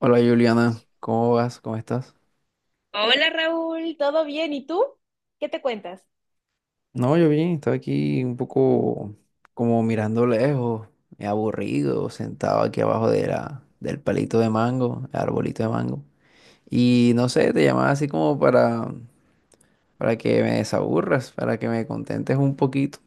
Hola Juliana, ¿cómo vas? ¿Cómo estás? Hola Raúl, ¿todo bien? ¿Y tú? ¿Qué te cuentas? No, yo bien, estaba aquí un poco como mirando lejos, aburrido, sentado aquí abajo de del palito de mango, el arbolito de mango. Y no sé, te llamaba así como para que me desaburras, para que me contentes un poquito.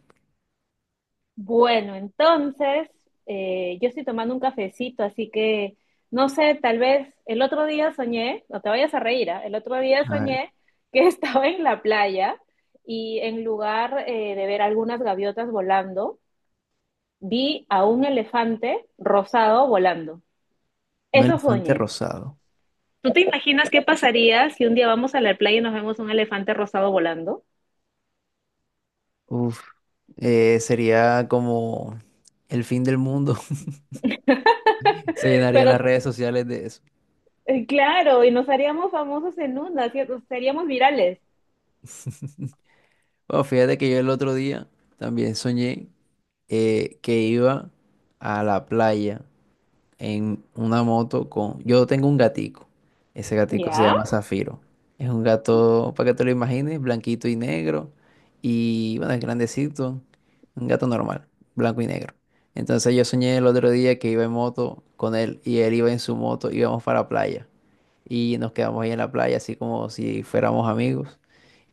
Bueno, entonces yo estoy tomando un cafecito, así que no sé, tal vez el otro día soñé, no te vayas a reír, ¿ah? El otro día A ver, soñé que estaba en la playa y en lugar de ver algunas gaviotas volando, vi a un elefante rosado volando. un Eso elefante soñé. rosado. ¿Tú te imaginas qué pasaría si un día vamos a la playa y nos vemos un elefante rosado volando? Uf, sería como el fin del mundo. Se llenarían Pero las redes sociales de eso. Claro, y nos haríamos famosos en una, ¿cierto? Seríamos virales. Bueno, fíjate que yo el otro día también soñé que iba a la playa en una moto con... Yo tengo un gatico. Ese gatico se ¿Ya? llama Zafiro. Es un gato, para que te lo imagines, blanquito y negro. Y bueno, es grandecito. Un gato normal, blanco y negro. Entonces yo soñé el otro día que iba en moto con él y él iba en su moto, íbamos para la playa. Y nos quedamos ahí en la playa, así como si fuéramos amigos.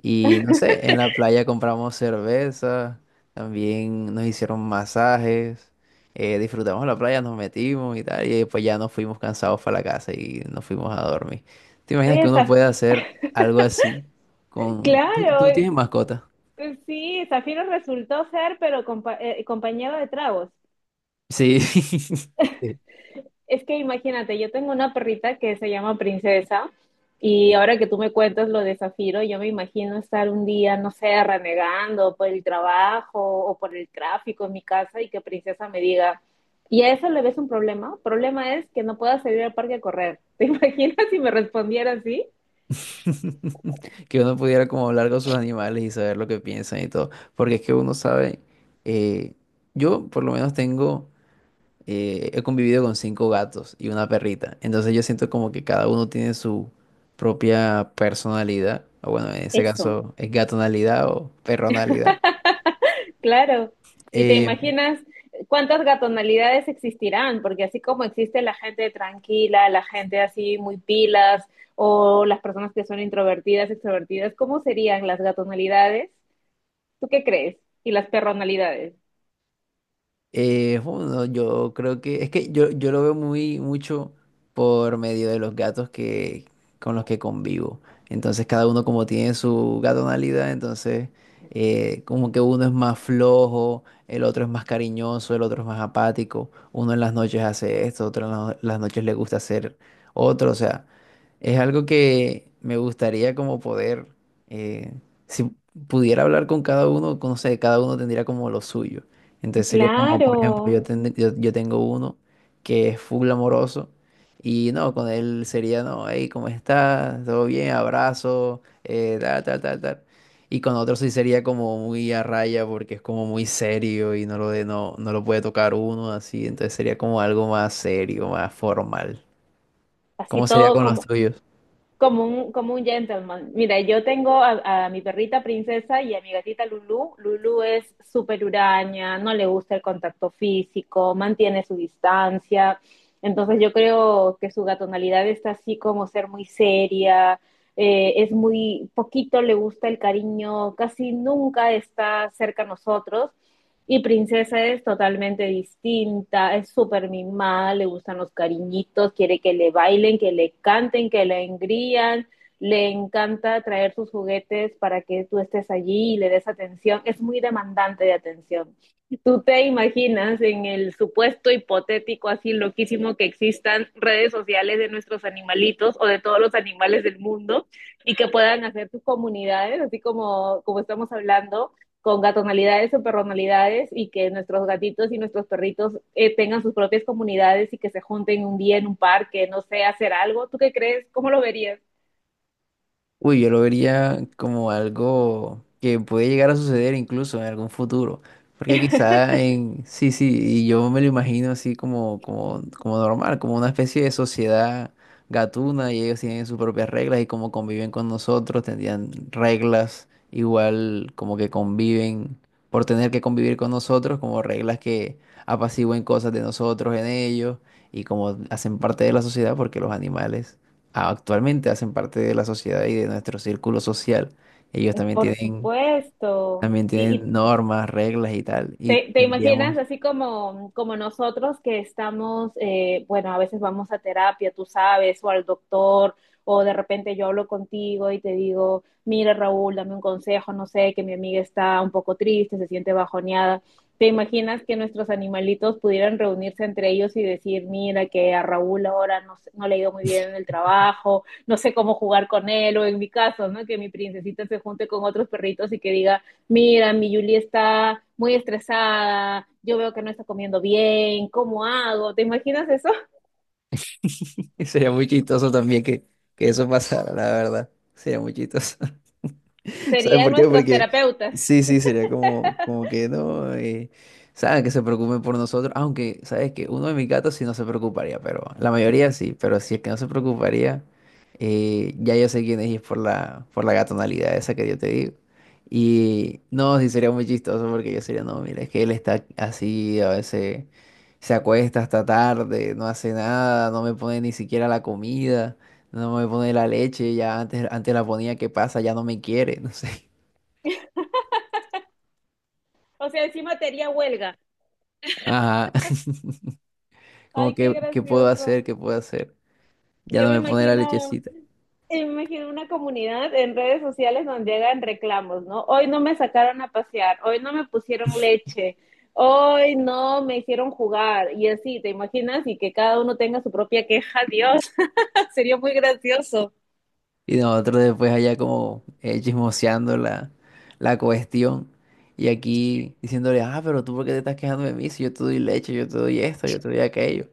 Y no sé, en la playa compramos cerveza, también nos hicieron masajes. Disfrutamos la playa, nos metimos y tal, y después ya nos fuimos cansados para la casa y nos fuimos a dormir. ¿Te imaginas que Oye, uno puede Zaf- hacer algo así con... ¿Tú, claro, tú es- tienes mascota? Sí, Zafiro resultó ser, pero compañero de tragos. Sí. Sí. Es que imagínate, yo tengo una perrita que se llama Princesa y ahora que tú me cuentas lo de Zafiro, yo me imagino estar un día, no sé, renegando por el trabajo o por el tráfico en mi casa y que Princesa me diga, ¿y a eso le ves un problema? Problema es que no pueda salir al parque a correr. ¿Te imaginas si me respondiera así? Que uno pudiera como hablar con sus animales y saber lo que piensan y todo. Porque es que uno sabe, eh, yo por lo menos tengo... he convivido con cinco gatos y una perrita. Entonces yo siento como que cada uno tiene su propia personalidad. O bueno, en ese Eso, caso es gatonalidad o perronalidad. claro. Y te Eh, imaginas cuántas gatonalidades existirán, porque así como existe la gente tranquila, la gente así muy pilas, o las personas que son introvertidas, extrovertidas, ¿cómo serían las gatonalidades? ¿Tú qué crees? Y las perronalidades. Bueno, yo creo que es que yo lo veo muy mucho por medio de los gatos que con los que convivo. Entonces cada uno como tiene su gatonalidad, entonces como que uno es más flojo, el otro es más cariñoso, el otro es más apático. Uno en las noches hace esto, otro en las noches le gusta hacer otro. O sea, es algo que me gustaría como poder, eh, si pudiera hablar con cada uno, no sé, cada uno tendría como lo suyo. Entonces sería como, por ejemplo, Claro, yo tengo uno que es full amoroso y no, con él sería, no, hey, ¿cómo estás? ¿Todo bien? Abrazo, tal, tal, tal, tal. Y con otro sí sería como muy a raya porque es como muy serio y no no lo puede tocar uno así. Entonces sería como algo más serio, más formal. así ¿Cómo sería todo con los como, tuyos? como un, como un gentleman. Mira, yo tengo a mi perrita Princesa y a mi gatita Lulu. Lulu es súper huraña, no le gusta el contacto físico, mantiene su distancia. Entonces yo creo que su gatonalidad está así como ser muy seria, es muy poquito le gusta el cariño, casi nunca está cerca a nosotros. Y Princesa es totalmente distinta, es súper mimada, le gustan los cariñitos, quiere que le bailen, que le canten, que le engrían, le encanta traer sus juguetes para que tú estés allí y le des atención, es muy demandante de atención. Tú te imaginas en el supuesto hipotético así loquísimo que existan redes sociales de nuestros animalitos o de todos los animales del mundo y que puedan hacer tus comunidades, así como, como estamos hablando, con gatonalidades o perronalidades y que nuestros gatitos y nuestros perritos tengan sus propias comunidades y que se junten un día en un parque, no sé, hacer algo. ¿Tú qué crees? ¿Cómo lo verías? Uy, yo lo vería como algo que puede llegar a suceder incluso en algún futuro. Porque sí, sí, y yo me lo imagino así como normal, como una especie de sociedad gatuna y ellos tienen sus propias reglas y como conviven con nosotros, tendrían reglas igual como que conviven por tener que convivir con nosotros, como reglas que apacigüen cosas de nosotros en ellos y como hacen parte de la sociedad porque los animales actualmente hacen parte de la sociedad y de nuestro círculo social. Ellos Por supuesto. también Y, tienen y normas, reglas y tal. Y ¿te imaginas tendríamos, así como, como nosotros que estamos, bueno, a veces vamos a terapia, tú sabes, o al doctor, o de repente yo hablo contigo y te digo, mira Raúl, dame un consejo, no sé, que mi amiga está un poco triste, se siente bajoneada. ¿Te imaginas que nuestros animalitos pudieran reunirse entre ellos y decir, mira, que a Raúl ahora no, sé- no le ha ido muy bien en el trabajo, no sé cómo jugar con él, o en mi caso, ¿no? Que mi princesita se junte con otros perritos y que diga, mira, mi Julie está muy estresada, yo veo que no está comiendo bien, ¿cómo hago? ¿Te imaginas eso? y sería muy chistoso también que eso pasara, la verdad. Sería muy chistoso. ¿Sabes Serían por qué? nuestros Porque terapeutas. sí, sí, sería como que no, saben que se preocupen por nosotros, aunque, ¿sabes que uno de mis gatos sí no se preocuparía, pero la mayoría sí, pero si es que no se preocuparía, ya yo sé quién es y es por por la gatonalidad esa que yo te digo. Y no, sí sería muy chistoso porque yo sería, no, mira, es que él está así, a veces se acuesta hasta tarde, no hace nada, no me pone ni siquiera la comida. No me pone la leche, ya antes la ponía, ¿qué pasa? Ya no me quiere, no sé. O sea, encima te haría huelga. Ajá. Como Ay, qué que, ¿qué puedo gracioso. hacer? ¿Qué puedo hacer? Ya Yo no me pone la lechecita. me imagino una comunidad en redes sociales donde llegan reclamos, ¿no? Hoy no me sacaron a pasear, hoy no me pusieron leche, hoy no me hicieron jugar y así, ¿te imaginas? Y que cada uno tenga su propia queja, Dios, sería muy gracioso. Y nosotros después allá como chismoseando la cuestión. Y aquí diciéndole, ah, pero tú por qué te estás quejando de mí si yo te doy leche, yo te doy esto, yo te doy aquello.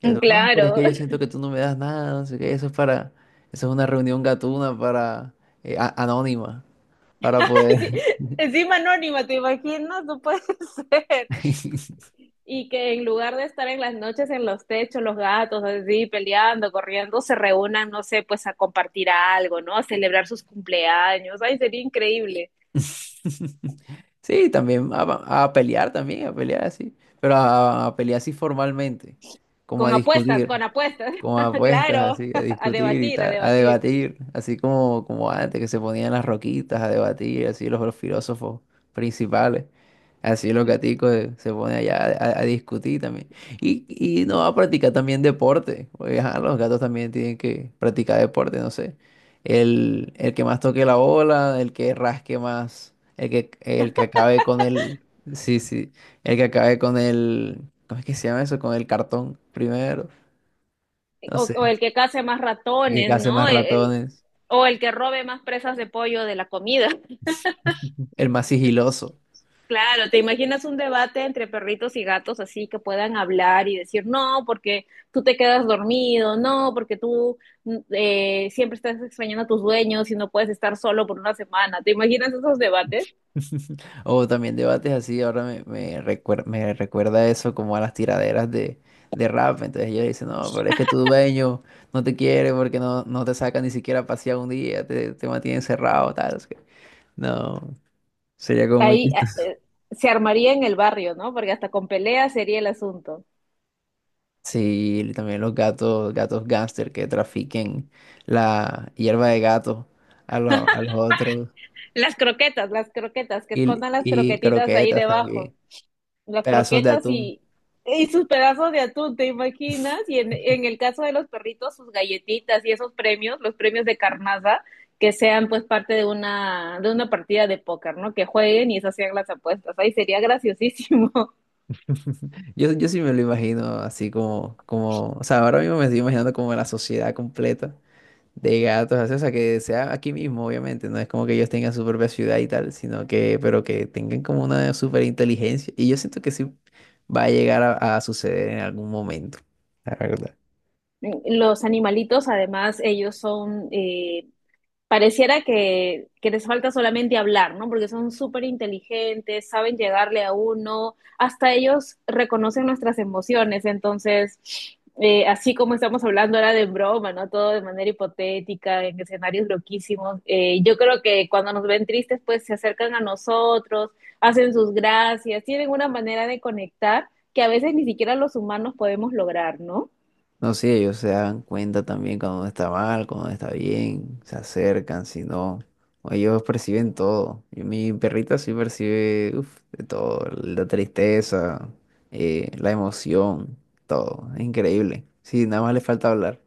Y el otro, no, pero es Claro, que yo siento que tú no me das nada, no sé qué, eso es para, eso es una reunión gatuna para, anónima, para sí, poder. encima anónima, te imaginas, no puede ser. Y que en lugar de estar en las noches en los techos, los gatos así peleando, corriendo, se reúnan, no sé, pues a compartir algo, ¿no? A celebrar sus cumpleaños. Ay, sería increíble. Sí, también a pelear también, a pelear así, pero a pelear así formalmente, como a Con apuestas, discutir con apuestas. como a apuestas, Claro, así, a a discutir y debatir, a tal, a debatir. debatir, así como antes que se ponían las roquitas a debatir, así los filósofos principales, así los O, gaticos se ponen allá a discutir también. Y no, a practicar también deporte, porque ajá, los gatos también tienen que practicar deporte, no sé. El que más toque la bola, el que rasque más, el que acabe con el... Sí, sí, el que acabe con el... ¿Cómo es que se llama eso? Con el cartón primero. No o sé. el que case más El que ratones, hace más ¿no? Ratones, O el que robe más presas de pollo de la comida. el más sigiloso. Claro, te imaginas un debate entre perritos y gatos así que puedan hablar y decir, no, porque tú te quedas dormido, no, porque tú siempre estás extrañando a tus dueños y no puedes estar solo por una semana. ¿Te imaginas esos debates? O también debates así, ahora me recuerda eso como a las tiraderas de rap. Entonces ella dice, no, pero es que tu dueño no te quiere porque no te saca ni siquiera a pasear un día, te mantiene encerrado, tal. Es que- No, sería como muy Ahí ah, chistoso. eh, se armaría en el barrio, ¿no? Porque hasta con peleas sería el asunto. Sí, y también los gatos, gatos gángster que trafiquen la hierba de gato a los otros. Las croquetas, que Y, escondan las y croquetitas ahí croquetas debajo. también, Las pedazos de croquetas atún. Y sus pedazos de atún, ¿te imaginas? Y en el caso de los perritos, sus galletitas y esos premios, los premios de carnaza, que sean pues parte de una partida de póker, ¿no? Que jueguen y esas sean las apuestas. Ahí sería graciosísimo. Yo sí me lo imagino así o sea, ahora mismo me estoy imaginando como la sociedad completa de gatos, así, o sea, que sea aquí mismo, obviamente, no es como que ellos tengan su propia ciudad y tal, sino que, pero que tengan como una super inteligencia. Y yo siento que sí va a llegar a suceder en algún momento, la verdad. Los animalitos, además, ellos son pareciera que les falta solamente hablar, ¿no? Porque son súper inteligentes, saben llegarle a uno, hasta ellos reconocen nuestras emociones, entonces, así como estamos hablando ahora de broma, ¿no? Todo de manera hipotética, en escenarios loquísimos, yo creo que cuando nos ven tristes, pues se acercan a nosotros, hacen sus gracias, tienen una manera de conectar que a veces ni siquiera los humanos podemos lograr, ¿no? No, sí, ellos se dan cuenta también cuando uno está mal, cuando uno está bien, se acercan, si no, o ellos perciben todo. Y mi perrita sí percibe, uf, de todo, la tristeza, la emoción, todo, es increíble. Sí, nada más le falta hablar.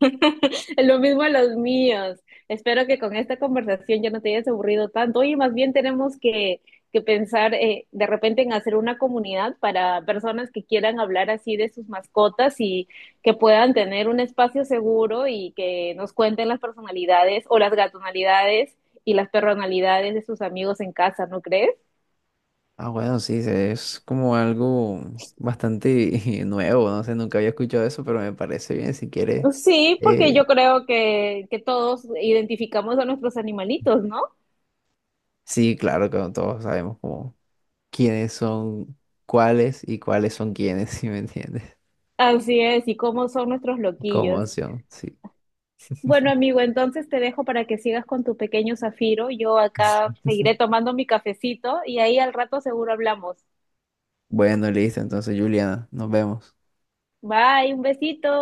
Lo mismo a los míos. Espero que con esta conversación ya no te hayas aburrido tanto. Oye, más bien tenemos que pensar de repente en hacer una comunidad para personas que quieran hablar así de sus mascotas y que puedan tener un espacio seguro y que nos cuenten las personalidades o las gatonalidades y las personalidades de sus amigos en casa, ¿no crees? Ah, bueno, sí, es como algo bastante nuevo, no sé, nunca había escuchado eso, pero me parece bien, si quieres. Sí, porque eh, yo creo que todos identificamos a nuestros animalitos, ¿no? sí, claro que todos sabemos cómo. Quiénes son cuáles y cuáles son quiénes, si me entiendes? Así es, y cómo son nuestros Como loquillos. opción, sí. Bueno, amigo, entonces te dejo para que sigas con tu pequeño Zafiro. Yo acá seguiré tomando mi cafecito y ahí al rato seguro hablamos. Bueno, listo, entonces Juliana, nos vemos. Bye, un besito.